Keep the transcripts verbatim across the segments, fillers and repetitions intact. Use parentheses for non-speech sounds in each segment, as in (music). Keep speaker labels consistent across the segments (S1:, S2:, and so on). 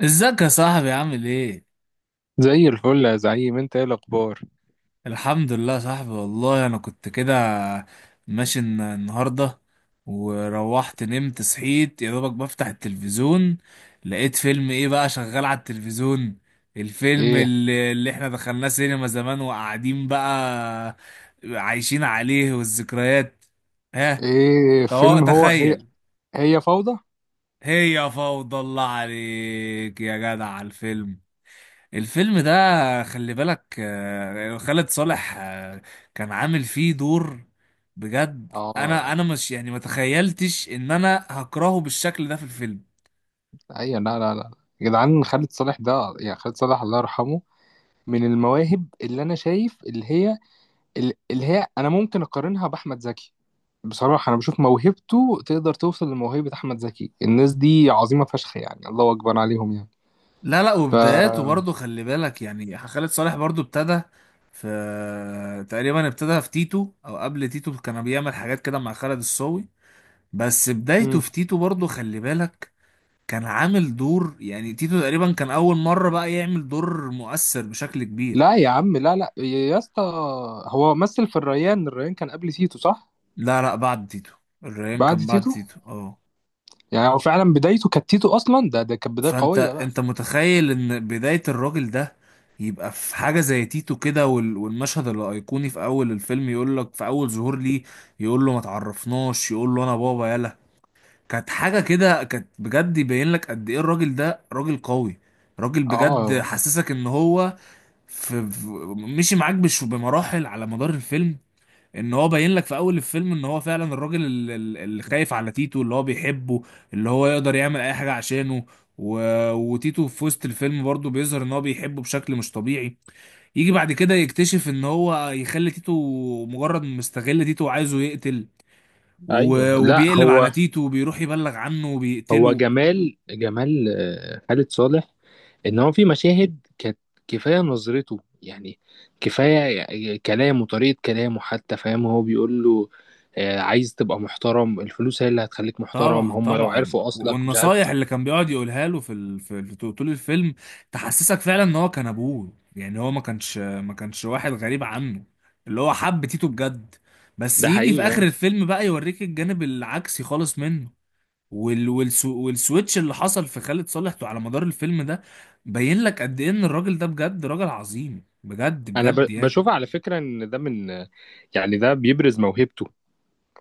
S1: ازيك يا صاحبي عامل ايه؟
S2: زي الفل يا زعيم، انت ايه الاخبار؟
S1: الحمد لله يا صاحبي، والله انا كنت كده ماشي الن- النهارده. وروحت نمت صحيت يا دوبك بفتح التلفزيون، لقيت فيلم ايه بقى شغال على التلفزيون، الفيلم
S2: ايه؟
S1: اللي, اللي احنا دخلناه سينما زمان وقاعدين بقى عايشين عليه والذكريات. ها،
S2: ايه
S1: تو-
S2: فيلم هو هي؟
S1: تخيل.
S2: هي فوضى.
S1: هي فوضى، الله عليك يا جدع على الفيلم الفيلم ده، خلي بالك، آه، خالد صالح، آه، كان عامل فيه دور. بجد انا
S2: اه،
S1: انا مش يعني ما تخيلتش ان انا هكرهه بالشكل ده في الفيلم.
S2: ايوه، لا لا لا، يا جدعان خالد صالح ده. يعني خالد صالح الله يرحمه من المواهب، اللي انا شايف اللي هي اللي هي انا ممكن اقارنها باحمد زكي. بصراحه انا بشوف موهبته تقدر توصل لموهبه احمد زكي. الناس دي عظيمه فشخ يعني، الله اكبر عليهم يعني.
S1: لا لا،
S2: ف
S1: وبداياته برضه خلي بالك، يعني خالد صالح برضه ابتدى في تقريبا، ابتدى في تيتو او قبل تيتو كان بيعمل حاجات كده مع خالد الصاوي. بس بدايته
S2: مم.
S1: في تيتو برضه خلي بالك، كان عامل دور، يعني تيتو تقريبا كان اول مرة بقى يعمل دور مؤثر بشكل كبير.
S2: لا يا عم، لا لا يا اسطى، هو مثل في الريان الريان كان قبل تيتو، صح؟
S1: لا لا بعد تيتو، الريان
S2: بعد
S1: كان بعد
S2: تيتو.
S1: تيتو، اه.
S2: يعني هو فعلا بدايته كانت تيتو اصلا. ده ده كانت بدايه
S1: فانت
S2: قويه بقى.
S1: انت متخيل ان بداية الراجل ده يبقى في حاجة زي تيتو كده، وال- والمشهد الأيقوني في أول الفيلم يقول لك في أول ظهور ليه يقول له ما تعرفناش، يقول له أنا بابا، يلا. كانت حاجة كده، كانت بجد يبين لك قد إيه الراجل ده راجل قوي، راجل بجد
S2: اه،
S1: حسسك إن هو في في- مشي معاك بش بمراحل على مدار الفيلم. ان هو باين لك في اول الفيلم ان هو فعلا الراجل ال- ال- اللي خايف على تيتو، اللي هو بيحبه، اللي هو يقدر يعمل اي حاجة عشانه. و... وتيتو في وسط الفيلم برضه بيظهر ان هو بيحبه بشكل مش طبيعي. يجي بعد كده يكتشف ان هو يخلي تيتو، مجرد مستغل تيتو وعايزه يقتل.
S2: ايوه،
S1: و...
S2: لا،
S1: وبيقلب
S2: هو
S1: على تيتو وبيروح يبلغ عنه
S2: هو
S1: وبيقتله.
S2: جمال جمال، آه، خالد صالح، ان هو في مشاهد كانت، كفايه نظرته يعني، كفايه كلامه، طريقه كلامه حتى. فاهم؟ هو بيقول له آه، عايز تبقى محترم، الفلوس هي اللي هتخليك محترم،
S1: طبعا
S2: هم لو
S1: طبعا،
S2: عرفوا اصلك مش عارف.
S1: والنصايح اللي كان بيقعد يقولها له في ال... في في- طول الفيلم، تحسسك فعلا ان هو كان ابوه، يعني هو ما كانش ما كانش واحد غريب عنه، اللي هو حب تيتو بجد. بس
S2: ده
S1: يجي في
S2: حقيقي،
S1: اخر
S2: فاهم.
S1: الفيلم بقى يوريك الجانب العكسي خالص منه. وال... والسو... والسويتش اللي حصل في خالد صالح على مدار الفيلم ده بين لك قد ايه ان الراجل ده بجد راجل عظيم، بجد
S2: انا ب-
S1: بجد يعني.
S2: بشوف على فكره ان ده من، يعني ده بيبرز موهبته،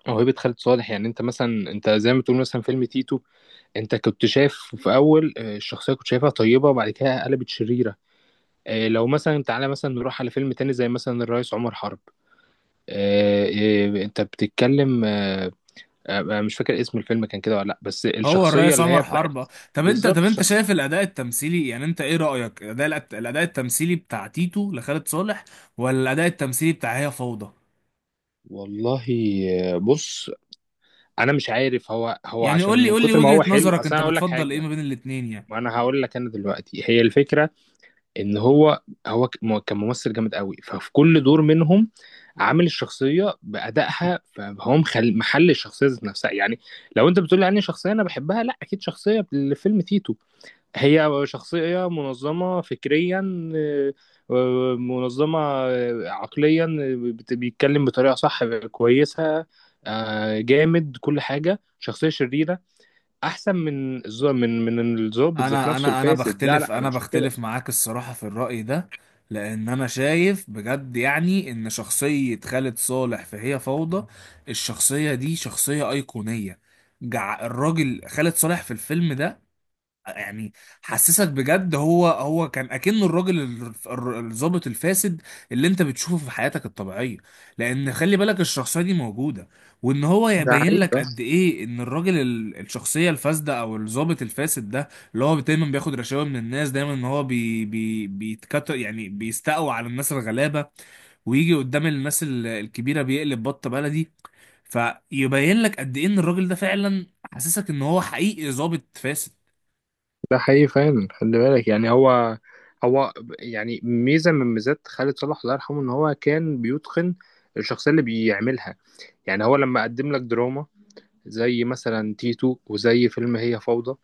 S2: موهبه خالد صالح. يعني انت مثلا، انت زي ما تقول مثلا فيلم تيتو، انت كنت شايف في اول، آه، الشخصيه كنت شايفها طيبه، وبعد كده قلبت شريره. آه، لو مثلا تعالى مثلا نروح على فيلم تاني زي مثلا الرئيس عمر حرب. آه، آه، انت بتتكلم. آه، آه، أنا مش فاكر اسم الفيلم كان كده ولا لا، بس
S1: هو
S2: الشخصيه
S1: الرئيس
S2: اللي هي
S1: عمر
S2: بتاعت،
S1: حربة؟ طب انت طب
S2: بالظبط
S1: انت
S2: الشخص.
S1: شايف الاداء التمثيلي، يعني انت ايه رأيك؟ الاداء الاداء التمثيلي بتاع تيتو لخالد صالح، ولا الاداء التمثيلي بتاع هي فوضى؟
S2: والله آه، بص، انا مش عارف، هو هو
S1: يعني قول
S2: عشان
S1: لي
S2: من
S1: قول لي
S2: كتر ما
S1: وجهة
S2: هو حلو.
S1: نظرك،
S2: اصل
S1: انت
S2: انا هقول لك
S1: بتفضل ايه
S2: حاجه،
S1: ما بين الاتنين يعني؟
S2: ما انا هقول لك، انا دلوقتي هي الفكره ان هو، هو ك- م- كان ممثل جامد قوي. ففي كل دور منهم عامل الشخصيه بادائها، فهو مخل... محل الشخصيه ذات نفسها يعني. لو انت بتقول لي عني شخصيه انا بحبها، لا، اكيد شخصيه الفيلم تيتو، هي شخصيه منظمه فكريا، آه، آه، منظمه آه، عقليا، آه، بت- بيتكلم بطريقه صح، كويسه، آه، جامد كل حاجه. شخصيه شريره احسن من الز- من من الظابط ذات
S1: انا
S2: نفسه
S1: انا انا
S2: الفاسد. لا
S1: بختلف
S2: لا، انا
S1: انا
S2: بشوف كده.
S1: بختلف معاك الصراحة في الرأي ده. لان انا شايف بجد يعني ان شخصية خالد صالح في هي فوضى، الشخصية دي شخصية ايقونية. جع الراجل خالد صالح في الفيلم ده يعني حسسك بجد هو هو كان اكنه الراجل ال- الر- الضابط الفاسد اللي انت بتشوفه في حياتك الطبيعيه. لان خلي بالك الشخصيه دي موجوده، وان هو
S2: ده
S1: يبين لك
S2: حقيقي.
S1: قد ايه ان الراجل ال- الشخصيه الفاسده او الضابط الفاسد ده، اللي هو دايما بياخد رشاوى من الناس، دايما ان هو بي بي بيتكتر يعني، بيستقوى على الناس الغلابه، ويجي قدام الناس ال- الكبيره بيقلب بطه بلدي. فيبين لك قد ايه ان الراجل ده فعلا حاسسك ان هو حقيقي ضابط فاسد.
S2: ده حقيقي فعلا. خلي بالك يعني، هو هو يعني ميزة من ميزات خالد صالح الله يرحمه، ان هو كان بيتقن الشخصية اللي بيعملها. يعني هو لما قدم لك دراما زي مثلا تيتو، وزي فيلم هي فوضى،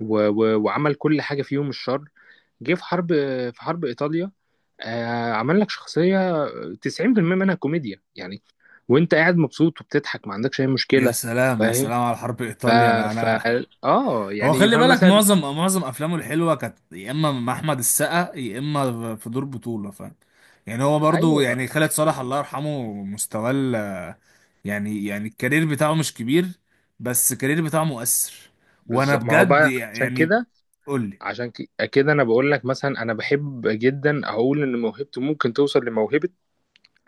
S2: و و وعمل كل حاجة فيهم الشر. جه في حرب في حرب إيطاليا، آه عمل لك شخصية تسعين في المية منها كوميديا يعني. وانت قاعد مبسوط وبتضحك ما عندكش اي
S1: يا
S2: مشكلة.
S1: سلام يا
S2: فاهم.
S1: سلام على حرب
S2: ف
S1: ايطاليا، انا
S2: ف
S1: انا
S2: اه،
S1: هو
S2: يعني
S1: خلي
S2: فاهم
S1: بالك
S2: مثلا.
S1: معظم معظم افلامه الحلوه كانت يا اما مع احمد السقا، يا اما في دور بطوله، فاهم؟ يعني هو برضو
S2: ايوه
S1: يعني
S2: ده
S1: خالد صالح
S2: حقيقي.
S1: الله يرحمه، مستواه ال- يعني يعني الكارير بتاعه مش كبير، بس الكارير بتاعه مؤثر. وانا
S2: بالظبط، ما هو
S1: بجد
S2: بقى عشان
S1: يعني،
S2: كده.
S1: قول لي.
S2: عشان ك- كده انا بقول لك، مثلا انا بحب جدا اقول ان موهبته ممكن توصل لموهبه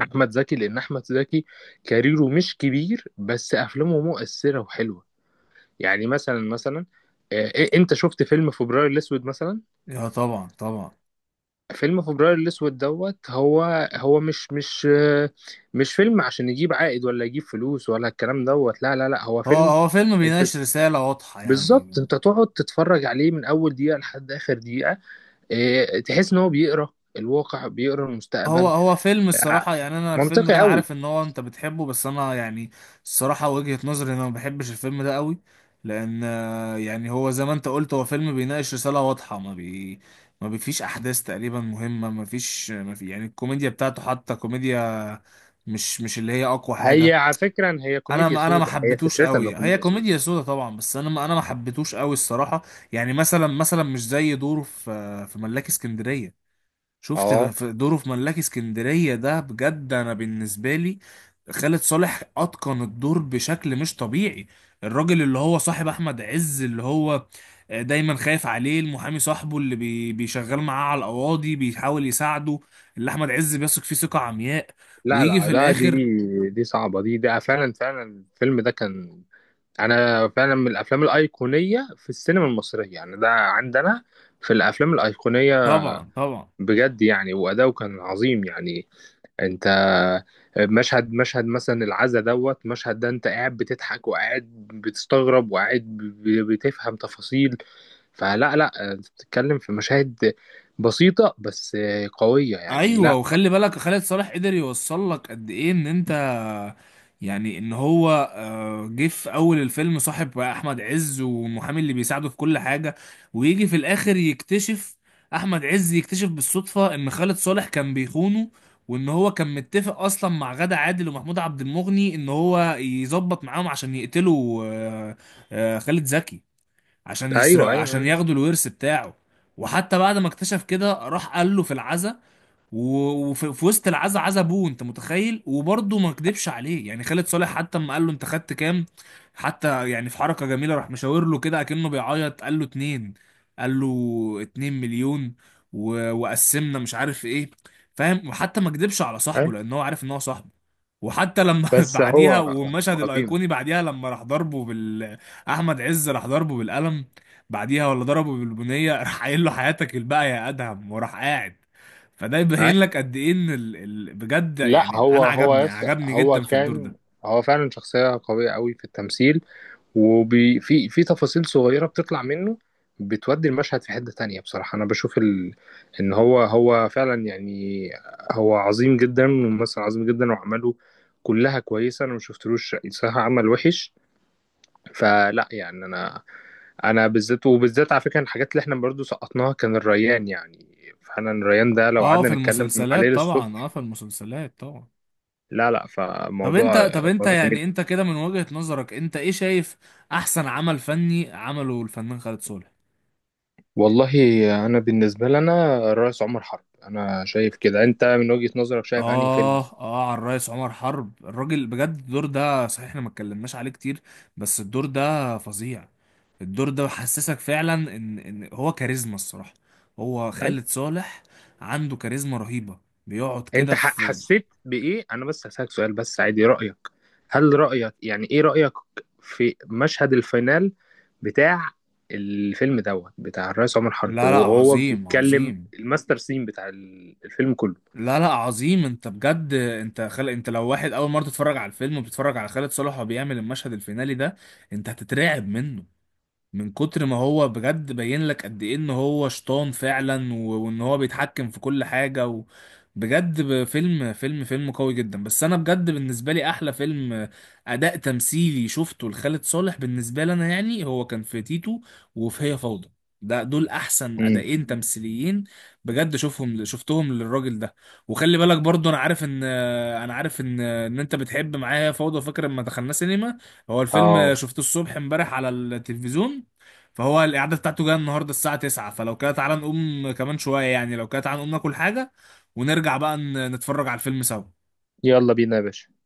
S2: احمد زكي، لان احمد زكي كاريره مش كبير بس افلامه مؤثره وحلوه. يعني مثلا، مثلا آه، إيه- انت شفت فيلم فبراير الاسود مثلا؟
S1: يا طبعا طبعا.
S2: فيلم فبراير الاسود دوت، هو هو مش مش آه، مش فيلم عشان يجيب عائد ولا يجيب فلوس ولا الكلام دوت. لا لا لا، هو
S1: هو
S2: فيلم،
S1: هو فيلم
S2: انت
S1: بيناقش رساله واضحه
S2: بالظبط
S1: يعني.
S2: انت تقعد تتفرج عليه من اول دقيقه لحد اخر دقيقه. إيه، تحس ان هو بيقرا الواقع، بيقرا
S1: هو
S2: المستقبل.
S1: هو فيلم
S2: آه،
S1: الصراحة يعني، أنا الفيلم ده
S2: منطقي
S1: أنا عارف
S2: قوي.
S1: إن هو أنت بتحبه، بس أنا يعني الصراحة وجهة نظري إن أنا ما بحبش الفيلم ده قوي. لأن آه، يعني هو زي ما أنت قلت هو فيلم بيناقش رسالة واضحة، ما بي ما بيفيش أحداث تقريبا مهمة، ما فيش ما في يعني الكوميديا بتاعته حتى كوميديا مش مش اللي هي أقوى
S2: هي
S1: حاجة.
S2: على فكره هي
S1: أنا
S2: كوميديا
S1: ما أنا ما
S2: سودا، هي
S1: حبيتوش
S2: فكرتها انه
S1: قوي. هي
S2: كوميديا
S1: كوميديا
S2: سودا.
S1: سودا طبعا، بس أنا ما أنا ما حبيتوش قوي الصراحة. يعني مثلا مثلا مش زي دوره في في ملاك اسكندرية. شفت
S2: اه،
S1: في دوره في ملاك اسكندرية ده، بجد انا بالنسبة لي خالد صالح اتقن الدور بشكل مش طبيعي. الراجل اللي هو صاحب احمد عز، اللي هو دايما خايف عليه، المحامي صاحبه اللي بي- بيشغل معاه على القواضي، بيحاول يساعده، اللي احمد عز بيثق فيه ثقة عمياء.
S2: لا
S1: ويجي
S2: لا
S1: في
S2: لا، دي
S1: الاخر.
S2: دي صعبه، دي، ده فعلا فعلا. الفيلم ده كان، انا فعلا من الافلام الايقونيه في السينما المصريه يعني، ده عندنا في الافلام الايقونيه.
S1: طبعا طبعا،
S2: بجد يعني واداؤه كان عظيم يعني. انت، مشهد مشهد مثلا العزا دوت، مشهد ده انت قاعد بتضحك، وقاعد بتستغرب، وقاعد ب- بتفهم تفاصيل. فلا لا، انت بتتكلم في مشاهد بسيطة، بس قوية يعني،
S1: ايوه.
S2: لا.
S1: وخلي بالك خالد صالح قدر يوصل لك قد ايه ان انت، يعني ان هو آه، جه في اول الفيلم صاحب بقى احمد عز والمحامي اللي بيساعده في كل حاجه. ويجي في الاخر يكتشف احمد عز، يكتشف بالصدفه ان خالد صالح كان بيخونه، وان هو كان متفق اصلا مع غادة عادل ومحمود عبد المغني ان هو يظبط معاهم عشان يقتلوا، آه، آه، خالد زكي، عشان
S2: ايوه
S1: يسرقوا، عشان
S2: ايوه
S1: ياخدوا الورث بتاعه. وحتى بعد ما اكتشف كده راح قال له في العزا، و- وفي في وسط العزا، عزا ابوه، انت متخيل، وبرضه ما كدبش عليه يعني. خالد صالح حتى اما قال له انت خدت كام، حتى يعني في حركة جميلة راح مشاور له كده اكنه بيعيط، قال له اتنين قال له اتنين مليون، و... وقسمنا مش عارف ايه، فاهم. وحتى ما كدبش على صاحبه
S2: ايوه،
S1: لان هو عارف ان هو صاحبه. وحتى لما (laughs)
S2: بس هو
S1: بعديها
S2: هو
S1: والمشهد
S2: عظيم.
S1: الايقوني بعديها، لما راح ضربه بال احمد عز راح ضربه بالقلم بعديها، ولا ضربه بالبنيه، (laughs) راح قايل له حياتك الباقيه يا ادهم، وراح قاعد. فده
S2: اي،
S1: يبين لك قد ايه ان ال... ال... بجد
S2: لا
S1: يعني
S2: هو
S1: انا
S2: هو
S1: عجبني
S2: يس،
S1: عجبني
S2: هو
S1: جدا في الدور
S2: كان
S1: ده.
S2: هو فعلا شخصية قوية قوي في التمثيل. وفي في في تفاصيل صغيرة بتطلع منه، بتودي المشهد في حتة تانية. بصراحة أنا بشوف ال... إن هو هو فعلا يعني، هو عظيم جدا، ممثل عظيم جدا. وأعماله كلها كويسة. أنا مشفتلوش صراحة عمل وحش. فلا يعني أنا، أنا بالذات، وبالذات على فكرة، الحاجات اللي إحنا برضو سقطناها كان الريان يعني، فعلا. الريان ده لو
S1: اه
S2: قعدنا
S1: في
S2: نتكلم عليه
S1: المسلسلات طبعا، اه
S2: للصبح.
S1: في المسلسلات طبعا.
S2: لا لا،
S1: طب
S2: فموضوع،
S1: انت طب انت
S2: موضوع جميل.
S1: يعني انت كده من وجهة نظرك انت ايه شايف احسن عمل فني عمله الفنان خالد صالح؟
S2: والله انا بالنسبه لنا الرئيس عمر حرب، انا شايف كده. انت من وجهه نظرك شايف انهي فيلم؟
S1: آه آه على الرئيس عمر حرب، الراجل بجد، الدور ده صحيح احنا ما اتكلمناش عليه كتير، بس الدور ده فظيع. الدور ده حسسك فعلا إن إن هو كاريزما الصراحة. هو
S2: اي،
S1: خالد صالح عنده كاريزما رهيبة، بيقعد
S2: انت
S1: كده
S2: ح-
S1: في.
S2: حسيت بايه؟ انا بس هسالك سؤال، بس عادي رايك، هل رايك يعني، ايه رايك في مشهد الفينال بتاع الفيلم دوت، بتاع الرئيس عمر حرب
S1: لا لا
S2: وهو
S1: عظيم
S2: بيتكلم
S1: عظيم،
S2: الماستر سين بتاع ال- الفيلم كله؟
S1: لا لا عظيم. انت بجد، انت خل... انت لو واحد اول مره تتفرج على الفيلم وبتتفرج على خالد صالح وهو بيعمل المشهد الفينالي ده، انت هتترعب منه من كتر ما هو، بجد باين لك قد ايه ان هو شيطان فعلا، و- وان هو بيتحكم في كل حاجة. و... بجد، ب- فيلم فيلم فيلم قوي جدا. بس انا بجد بالنسبة لي احلى فيلم اداء تمثيلي شفته لخالد صالح بالنسبة لي انا، يعني هو كان في تيتو وفي هي فوضى، ده دول احسن
S2: امم.
S1: اداءين تمثيليين بجد. شوفهم شفتهم للراجل ده. وخلي بالك برضو انا عارف ان انا عارف ان ان انت بتحب معايا هي فوضى، فاكر لما دخلنا سينما. هو
S2: اه،
S1: الفيلم شفته الصبح امبارح على التلفزيون، فهو الإعادة بتاعته جاية النهاردة الساعة تسعة، فلو كده تعالى نقوم كمان شوية يعني. لو كده تعالى نقوم ناكل حاجة، ونرجع بقى ن- نتفرج على الفيلم سوا.
S2: يلا بينا يا باشا.